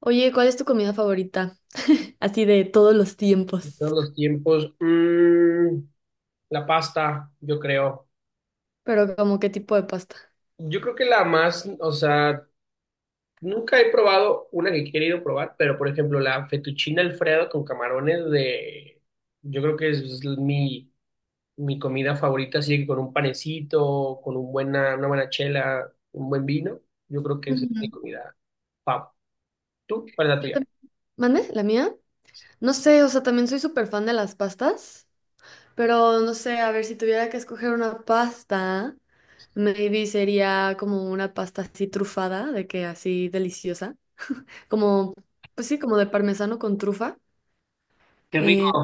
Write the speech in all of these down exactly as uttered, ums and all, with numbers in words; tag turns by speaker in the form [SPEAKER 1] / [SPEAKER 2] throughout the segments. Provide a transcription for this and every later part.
[SPEAKER 1] Oye, ¿cuál es tu comida favorita? Así de todos los
[SPEAKER 2] De
[SPEAKER 1] tiempos.
[SPEAKER 2] todos los tiempos. Mm, la pasta, yo creo.
[SPEAKER 1] Pero como qué tipo de pasta.
[SPEAKER 2] Yo creo que la más, o sea, nunca he probado una que he querido probar, pero por ejemplo, la fettuccine Alfredo con camarones de, yo creo que es mi, mi comida favorita, así que con un panecito, con un buena, una buena chela, un buen vino, yo creo que esa es mi
[SPEAKER 1] Mm,
[SPEAKER 2] comida. Pau, ¿tú? ¿Cuál es la
[SPEAKER 1] yo
[SPEAKER 2] tuya?
[SPEAKER 1] tam- ¿Mande? ¿La mía? No sé, o sea, también soy súper fan de las pastas. Pero no sé, a ver, si tuviera que escoger una pasta, maybe sería como una pasta así trufada, de que así deliciosa. Como, pues sí, como de parmesano con trufa.
[SPEAKER 2] Qué rico.
[SPEAKER 1] Eh,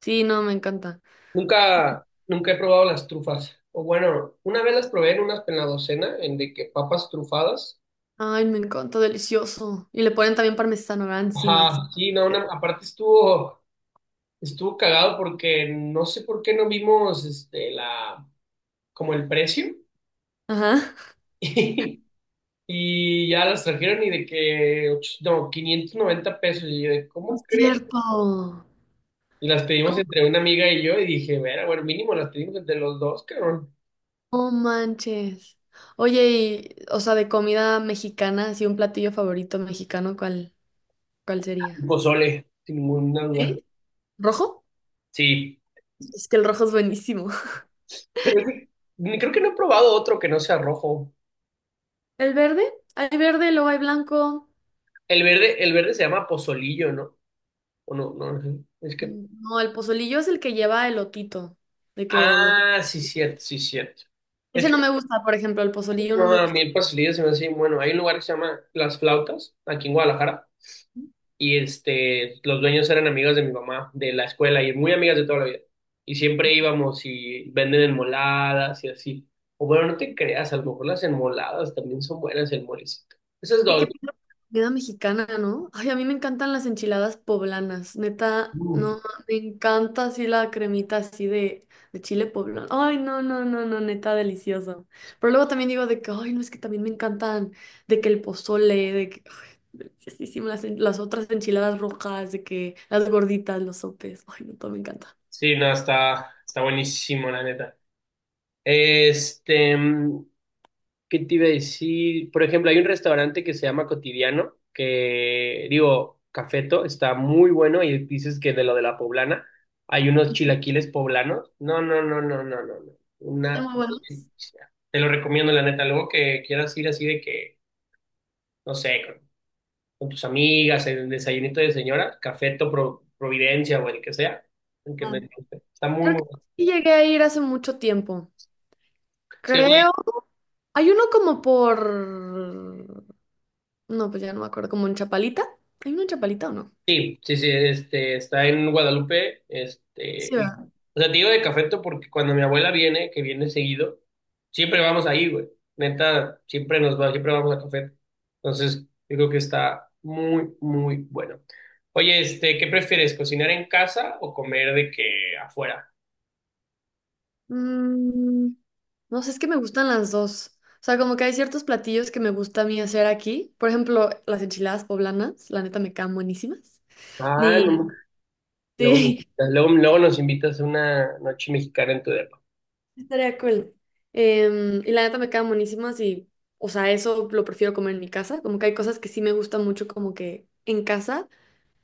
[SPEAKER 1] sí, no, me encanta.
[SPEAKER 2] Nunca, nunca he probado las trufas. O bueno, una vez las probé en unas en la docena, en de que papas trufadas.
[SPEAKER 1] Ay, me encanta, delicioso. Y le ponen también parmesano, ¿verdad? Encima, así.
[SPEAKER 2] Ajá, sí, no, una- aparte estuvo, estuvo cagado porque no sé por qué no vimos este la como el precio.
[SPEAKER 1] Ajá.
[SPEAKER 2] Y ya las trajeron y de que, och- no, quinientos noventa pesos. Y yo de,
[SPEAKER 1] No
[SPEAKER 2] ¿cómo
[SPEAKER 1] es
[SPEAKER 2] crees?
[SPEAKER 1] cierto.
[SPEAKER 2] Y las pedimos entre una amiga y yo y dije, "Vera, bueno, mínimo las pedimos entre los dos, cabrón."
[SPEAKER 1] No manches. Oye, y, o sea, de comida mexicana, así un platillo favorito mexicano, ¿cuál, ¿cuál
[SPEAKER 2] El
[SPEAKER 1] sería?
[SPEAKER 2] pozole, sin ninguna duda.
[SPEAKER 1] ¿Sí? ¿Rojo?
[SPEAKER 2] Sí.
[SPEAKER 1] Es que el rojo es buenísimo.
[SPEAKER 2] Pero es que ni- creo que no he probado otro que no sea rojo.
[SPEAKER 1] ¿El verde? Hay verde, luego hay blanco.
[SPEAKER 2] El verde, el verde se llama pozolillo, ¿no? O no, no, no, es que.
[SPEAKER 1] Mm, No, el pozolillo es el que lleva elotito. De que los-
[SPEAKER 2] Ah, sí, cierto, sí, cierto. Es
[SPEAKER 1] Ese no me
[SPEAKER 2] que
[SPEAKER 1] gusta, por ejemplo, el pozolillo no
[SPEAKER 2] no,
[SPEAKER 1] me
[SPEAKER 2] a mí
[SPEAKER 1] gusta.
[SPEAKER 2] el pozolillo se me hace bien bueno. Hay un lugar que se llama Las Flautas, aquí en Guadalajara, y este, los dueños eran amigos de mi mamá, de la escuela, y muy amigas de toda la vida. Y siempre íbamos y venden enmoladas y así. O bueno, no te creas, a lo mejor las enmoladas también son buenas, el molecito. Esas
[SPEAKER 1] ¿Qué,
[SPEAKER 2] dos.
[SPEAKER 1] ¿qué piensas de la comida mexicana, no? Ay, a mí me encantan las enchiladas poblanas, neta,
[SPEAKER 2] Uf.
[SPEAKER 1] no, me encanta así la cremita así de, de chile poblano. Ay, no, no, no, no, neta, delicioso. Pero luego también digo de que, ay, no, es que también me encantan, de que el pozole, de que, ay, deliciosísimo, las, en- las otras enchiladas rojas, de que las gorditas, los sopes, ay, no, todo me encanta.
[SPEAKER 2] Sí, no, está, está buenísimo, la neta. Este, mm, ¿Qué te iba a decir? Por ejemplo, hay un restaurante que se llama Cotidiano, que digo, Cafeto, está muy bueno. Y dices que de lo de la poblana, hay unos chilaquiles poblanos. No, no, no, no, no, no, no.
[SPEAKER 1] Están
[SPEAKER 2] Una
[SPEAKER 1] muy buenos.
[SPEAKER 2] delicia. Te lo recomiendo, la neta. Luego que quieras ir así de que, no sé, con, con tus amigas, en el desayunito de señora, Cafeto Pro- Providencia o el que sea, el que no-
[SPEAKER 1] Ah,
[SPEAKER 2] existe. Está muy,
[SPEAKER 1] creo
[SPEAKER 2] muy
[SPEAKER 1] que
[SPEAKER 2] bueno.
[SPEAKER 1] sí llegué a ir hace mucho tiempo.
[SPEAKER 2] Es que, güey,
[SPEAKER 1] Creo. Hay uno como por No, pues ya no me acuerdo. ¿Como en Chapalita? ¿Hay una en Chapalita o no?
[SPEAKER 2] sí, sí, sí, este, está en Guadalupe, este,
[SPEAKER 1] Sí,
[SPEAKER 2] y,
[SPEAKER 1] va.
[SPEAKER 2] o sea, te digo de Cafeto porque cuando mi abuela viene, que viene seguido, siempre vamos ahí, güey, neta, siempre nos va, siempre vamos a Cafeto, entonces, yo creo que está muy, muy bueno. Oye, este, ¿qué prefieres, cocinar en casa o comer de que afuera?
[SPEAKER 1] Mm, no sé, es que me gustan las dos. O sea, como que hay ciertos platillos que me gusta a mí hacer aquí. Por ejemplo, las enchiladas poblanas, la neta me quedan buenísimas.
[SPEAKER 2] Ah,
[SPEAKER 1] Ni,
[SPEAKER 2] no, luego,
[SPEAKER 1] sí,
[SPEAKER 2] me- luego, luego nos invitas a una noche mexicana en tu depa,
[SPEAKER 1] estaría cool. Em, y la neta me quedan buenísimas y, o sea, eso lo prefiero comer en mi casa. Como que hay cosas que sí me gustan mucho como que en casa,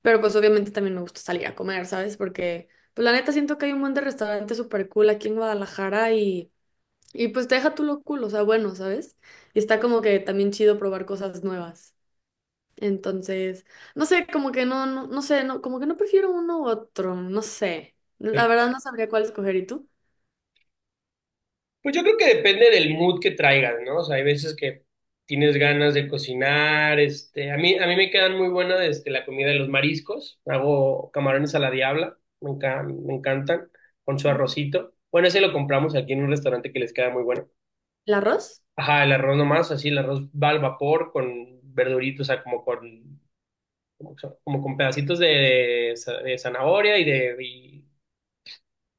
[SPEAKER 1] pero pues obviamente también me gusta salir a comer, ¿sabes? Porque, pues la neta siento que hay un montón de restaurantes súper cool aquí en Guadalajara y Y pues te deja tú lo cool, o sea, bueno, ¿sabes? Y está como que también chido probar cosas nuevas. Entonces, no sé, como que no, no, no sé, no, como que no prefiero uno u otro, no sé.
[SPEAKER 2] ¿ok?
[SPEAKER 1] La verdad no sabría cuál escoger. ¿Y tú?
[SPEAKER 2] Pues yo creo que depende del mood que traigas, ¿no? O sea, hay veces que tienes ganas de cocinar, este, a mí, a mí me quedan muy buenas, este, la comida de los mariscos, hago camarones a la diabla, me encan- me encantan, con su arrocito. Bueno, ese lo compramos aquí en un restaurante que les queda muy bueno.
[SPEAKER 1] ¿El arroz?
[SPEAKER 2] Ajá, el arroz nomás, así, el arroz va al vapor con verduritos, o sea, como con, como, como con pedacitos de, de zanahoria y de, y,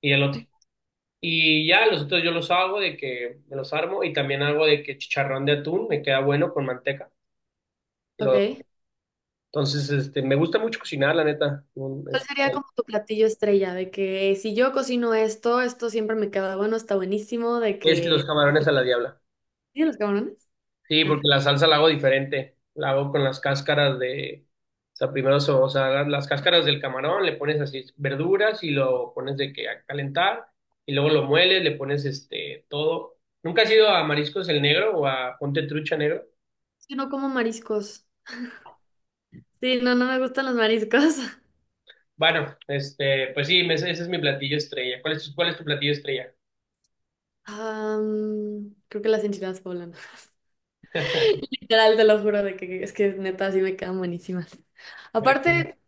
[SPEAKER 2] y elote. Y ya los otros yo los hago de que me los armo y también hago de que chicharrón de atún me queda bueno con manteca. Lo-
[SPEAKER 1] Ok.
[SPEAKER 2] entonces, este, me gusta mucho cocinar, la neta. Un-
[SPEAKER 1] ¿Cuál
[SPEAKER 2] Es,
[SPEAKER 1] sería como tu platillo estrella? De que si yo cocino esto, esto siempre me queda bueno, está buenísimo, de
[SPEAKER 2] es los
[SPEAKER 1] que...
[SPEAKER 2] camarones a la diabla.
[SPEAKER 1] ¿Sí, los camarones?
[SPEAKER 2] Sí,
[SPEAKER 1] Arre.
[SPEAKER 2] porque la salsa la hago diferente. La hago con las cáscaras de, o sea, primero, so- o sea, las cáscaras del camarón, le pones así verduras y lo pones de que a calentar y luego lo mueles, le pones este todo. ¿Nunca has ido a Mariscos el Negro o a Ponte Trucha Negro?
[SPEAKER 1] Es que no como mariscos. Sí, no, no me gustan los mariscos.
[SPEAKER 2] Bueno, este, pues sí, me- ese es mi platillo estrella. ¿Cuál es tu, cuál es tu platillo estrella?
[SPEAKER 1] Am, creo que las enchiladas poblanas. Literal, te lo juro de que es que neta sí me quedan buenísimas. Aparte,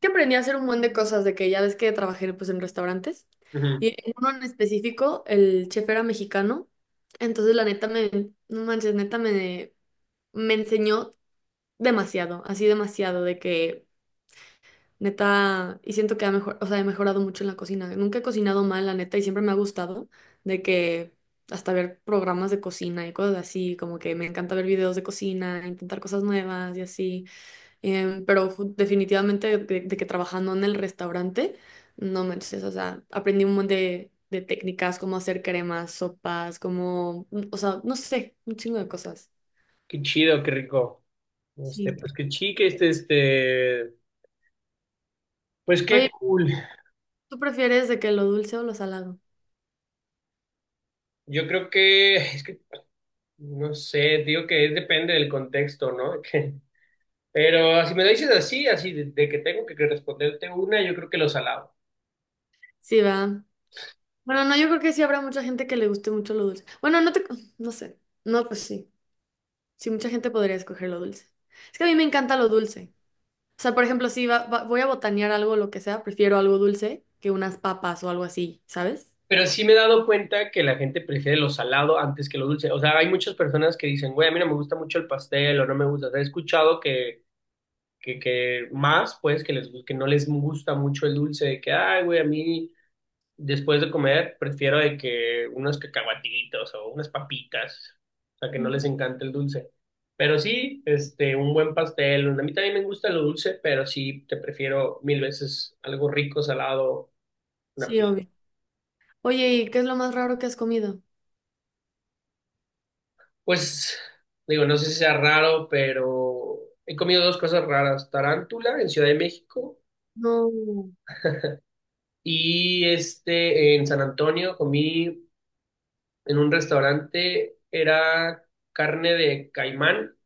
[SPEAKER 1] que aprendí a hacer un montón de cosas de que ya ves que trabajé pues en restaurantes
[SPEAKER 2] Ujú.
[SPEAKER 1] y en uno en específico el chef era mexicano, entonces la neta me no manches, neta me me enseñó demasiado, así demasiado de que Neta, y siento que ha mejor, o sea, he mejorado mucho en la cocina. Nunca he cocinado mal, la neta, y siempre me ha gustado de que hasta ver programas de cocina y cosas así, como que me encanta ver videos de cocina, intentar cosas nuevas y así. Em, pero ju- definitivamente de, de que trabajando en el restaurante, no me o sea, aprendí un montón de, de técnicas, cómo hacer cremas, sopas, cómo, mm, o sea, no sé, un chingo de cosas.
[SPEAKER 2] Qué chido, qué rico. Este,
[SPEAKER 1] Sí.
[SPEAKER 2] pues qué chique, este, este, pues qué
[SPEAKER 1] Oye,
[SPEAKER 2] cool.
[SPEAKER 1] ¿tú prefieres de que lo dulce o lo salado?
[SPEAKER 2] Yo creo que, es que, no sé, digo que es- depende del contexto, ¿no? Que pero si me lo dices así, así, de, de que tengo que responderte una, yo creo que lo salado.
[SPEAKER 1] Sí, va. Bueno, no, yo creo que sí habrá mucha gente que le guste mucho lo dulce. Bueno, no te, no sé. No, pues sí. Sí, mucha gente podría escoger lo dulce. Es que a mí me encanta lo dulce. O sea, por ejemplo, si va- va- voy a botanear algo, lo que sea, prefiero algo dulce que unas papas o algo así, ¿sabes?
[SPEAKER 2] Pero sí me he dado cuenta que la gente prefiere lo salado antes que lo dulce. O sea, hay muchas personas que dicen, güey, a mí no me gusta mucho el pastel o no me gusta. O sea, he escuchado que que, que más, pues, que, les, que no les gusta mucho el dulce, de que, ay, güey, a mí después de comer prefiero de que unos cacahuatitos o unas papitas, o sea, que no les encanta el dulce. Pero sí, este, un buen pastel, a mí también me gusta lo dulce, pero sí, te prefiero mil veces algo rico, salado, una
[SPEAKER 1] Sí,
[SPEAKER 2] pizza.
[SPEAKER 1] obvio. Oye, ¿y qué es lo más raro que has comido?
[SPEAKER 2] Pues, digo, no sé si sea raro, pero he comido dos cosas raras, tarántula en Ciudad de México
[SPEAKER 1] No,
[SPEAKER 2] y este, en San Antonio comí en un restaurante era carne de caimán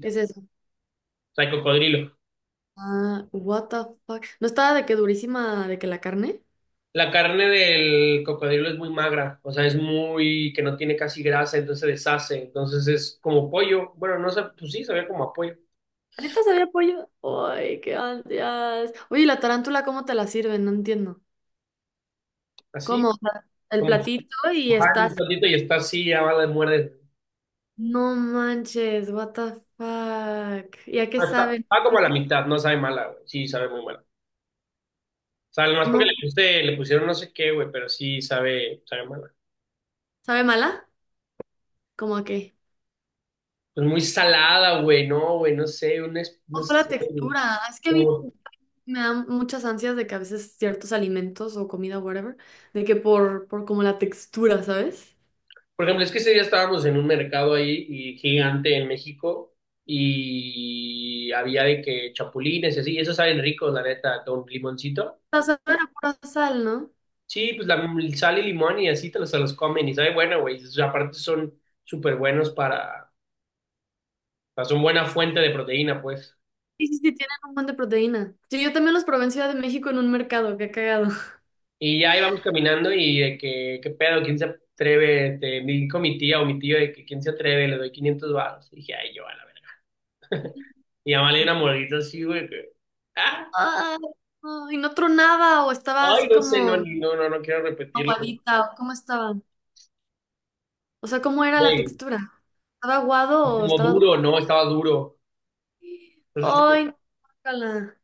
[SPEAKER 1] ¿qué es
[SPEAKER 2] o
[SPEAKER 1] eso?
[SPEAKER 2] sea, de cocodrilo.
[SPEAKER 1] Ah, what the fuck. ¿No estaba de que durísima de que la carne?
[SPEAKER 2] La carne del cocodrilo es muy magra, o sea, es muy, que no tiene casi grasa, entonces se deshace, entonces es como pollo, bueno, no sé, pues sí, sabía como a pollo,
[SPEAKER 1] ¿Neta sabía pollo? Ay, qué ansias. Oye, ¿y la tarántula cómo te la sirven? No entiendo.
[SPEAKER 2] así,
[SPEAKER 1] Como el
[SPEAKER 2] como
[SPEAKER 1] platito y
[SPEAKER 2] mojada en
[SPEAKER 1] estás.
[SPEAKER 2] un platito y está así, ya va, la muerde.
[SPEAKER 1] No manches, what the fuck. ¿Y a qué
[SPEAKER 2] Ah, Está,
[SPEAKER 1] sabe?
[SPEAKER 2] está como a la mitad, no sabe mala, güey, sí, sabe muy mala. O sea, nomás porque le,
[SPEAKER 1] ¿No?
[SPEAKER 2] puse- le pusieron no sé qué, güey, pero sí sabe, sabe mala.
[SPEAKER 1] ¿Sabe mala? ¿Cómo a qué?
[SPEAKER 2] Pues muy salada, güey, no, güey, no sé, una, es- no
[SPEAKER 1] ¿Cómo fue la
[SPEAKER 2] sé, güey.
[SPEAKER 1] textura? Es que a mí
[SPEAKER 2] Como,
[SPEAKER 1] me dan muchas ansias de que a veces ciertos alimentos o comida, whatever, de que por, por como la textura, ¿sabes?
[SPEAKER 2] por ejemplo, es que ese día estábamos en un mercado ahí y gigante en México y había de que chapulines y así, y esos saben ricos, la neta, con limoncito.
[SPEAKER 1] O sea, saben a pura sal, ¿no?
[SPEAKER 2] Sí, pues la sal y limón y así te los, se los comen y sabe bueno, güey. O sea, aparte son súper buenos para, o sea, son buena fuente de proteína, pues.
[SPEAKER 1] Sí, sí, sí, tienen un buen de proteína. Sí, yo también los probé en Ciudad de México en un mercado, qué cagado.
[SPEAKER 2] Y ya íbamos caminando y de que, qué pedo, quién se atreve, te, me dijo mi tía o mi tío de que quién se atreve, le doy quinientos baros. Y dije, ay, yo a la verga. Y ya le di una mordita así, güey, que, ah,
[SPEAKER 1] Ay, no, y no tronaba o estaba
[SPEAKER 2] ay,
[SPEAKER 1] así
[SPEAKER 2] no sé, no,
[SPEAKER 1] como
[SPEAKER 2] no, no, no quiero repetirlo.
[SPEAKER 1] aguadita, ¿cómo estaba? O sea, ¿cómo era la
[SPEAKER 2] Güey,
[SPEAKER 1] textura? ¿Estaba
[SPEAKER 2] es
[SPEAKER 1] aguado o
[SPEAKER 2] como
[SPEAKER 1] estaba
[SPEAKER 2] duro,
[SPEAKER 1] dura?
[SPEAKER 2] no, estaba duro. Entonces,
[SPEAKER 1] ¡Ay, no! ¡Guácala!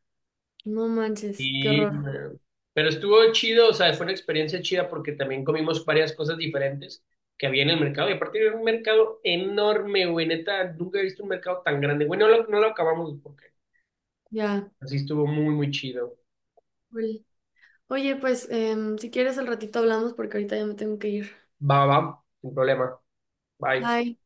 [SPEAKER 1] No manches, qué
[SPEAKER 2] sí,
[SPEAKER 1] horror.
[SPEAKER 2] man. Pero estuvo chido, o sea, fue una experiencia chida porque también comimos varias cosas diferentes que había en el mercado. Y aparte era un mercado enorme, güey, neta, nunca he visto un mercado tan grande. Bueno, no lo, no lo acabamos porque
[SPEAKER 1] Ya.
[SPEAKER 2] así estuvo muy, muy chido.
[SPEAKER 1] Ul. Oye, pues, em, si quieres al ratito hablamos porque ahorita ya me tengo que ir.
[SPEAKER 2] Va, va, sin problema. Bye.
[SPEAKER 1] Bye.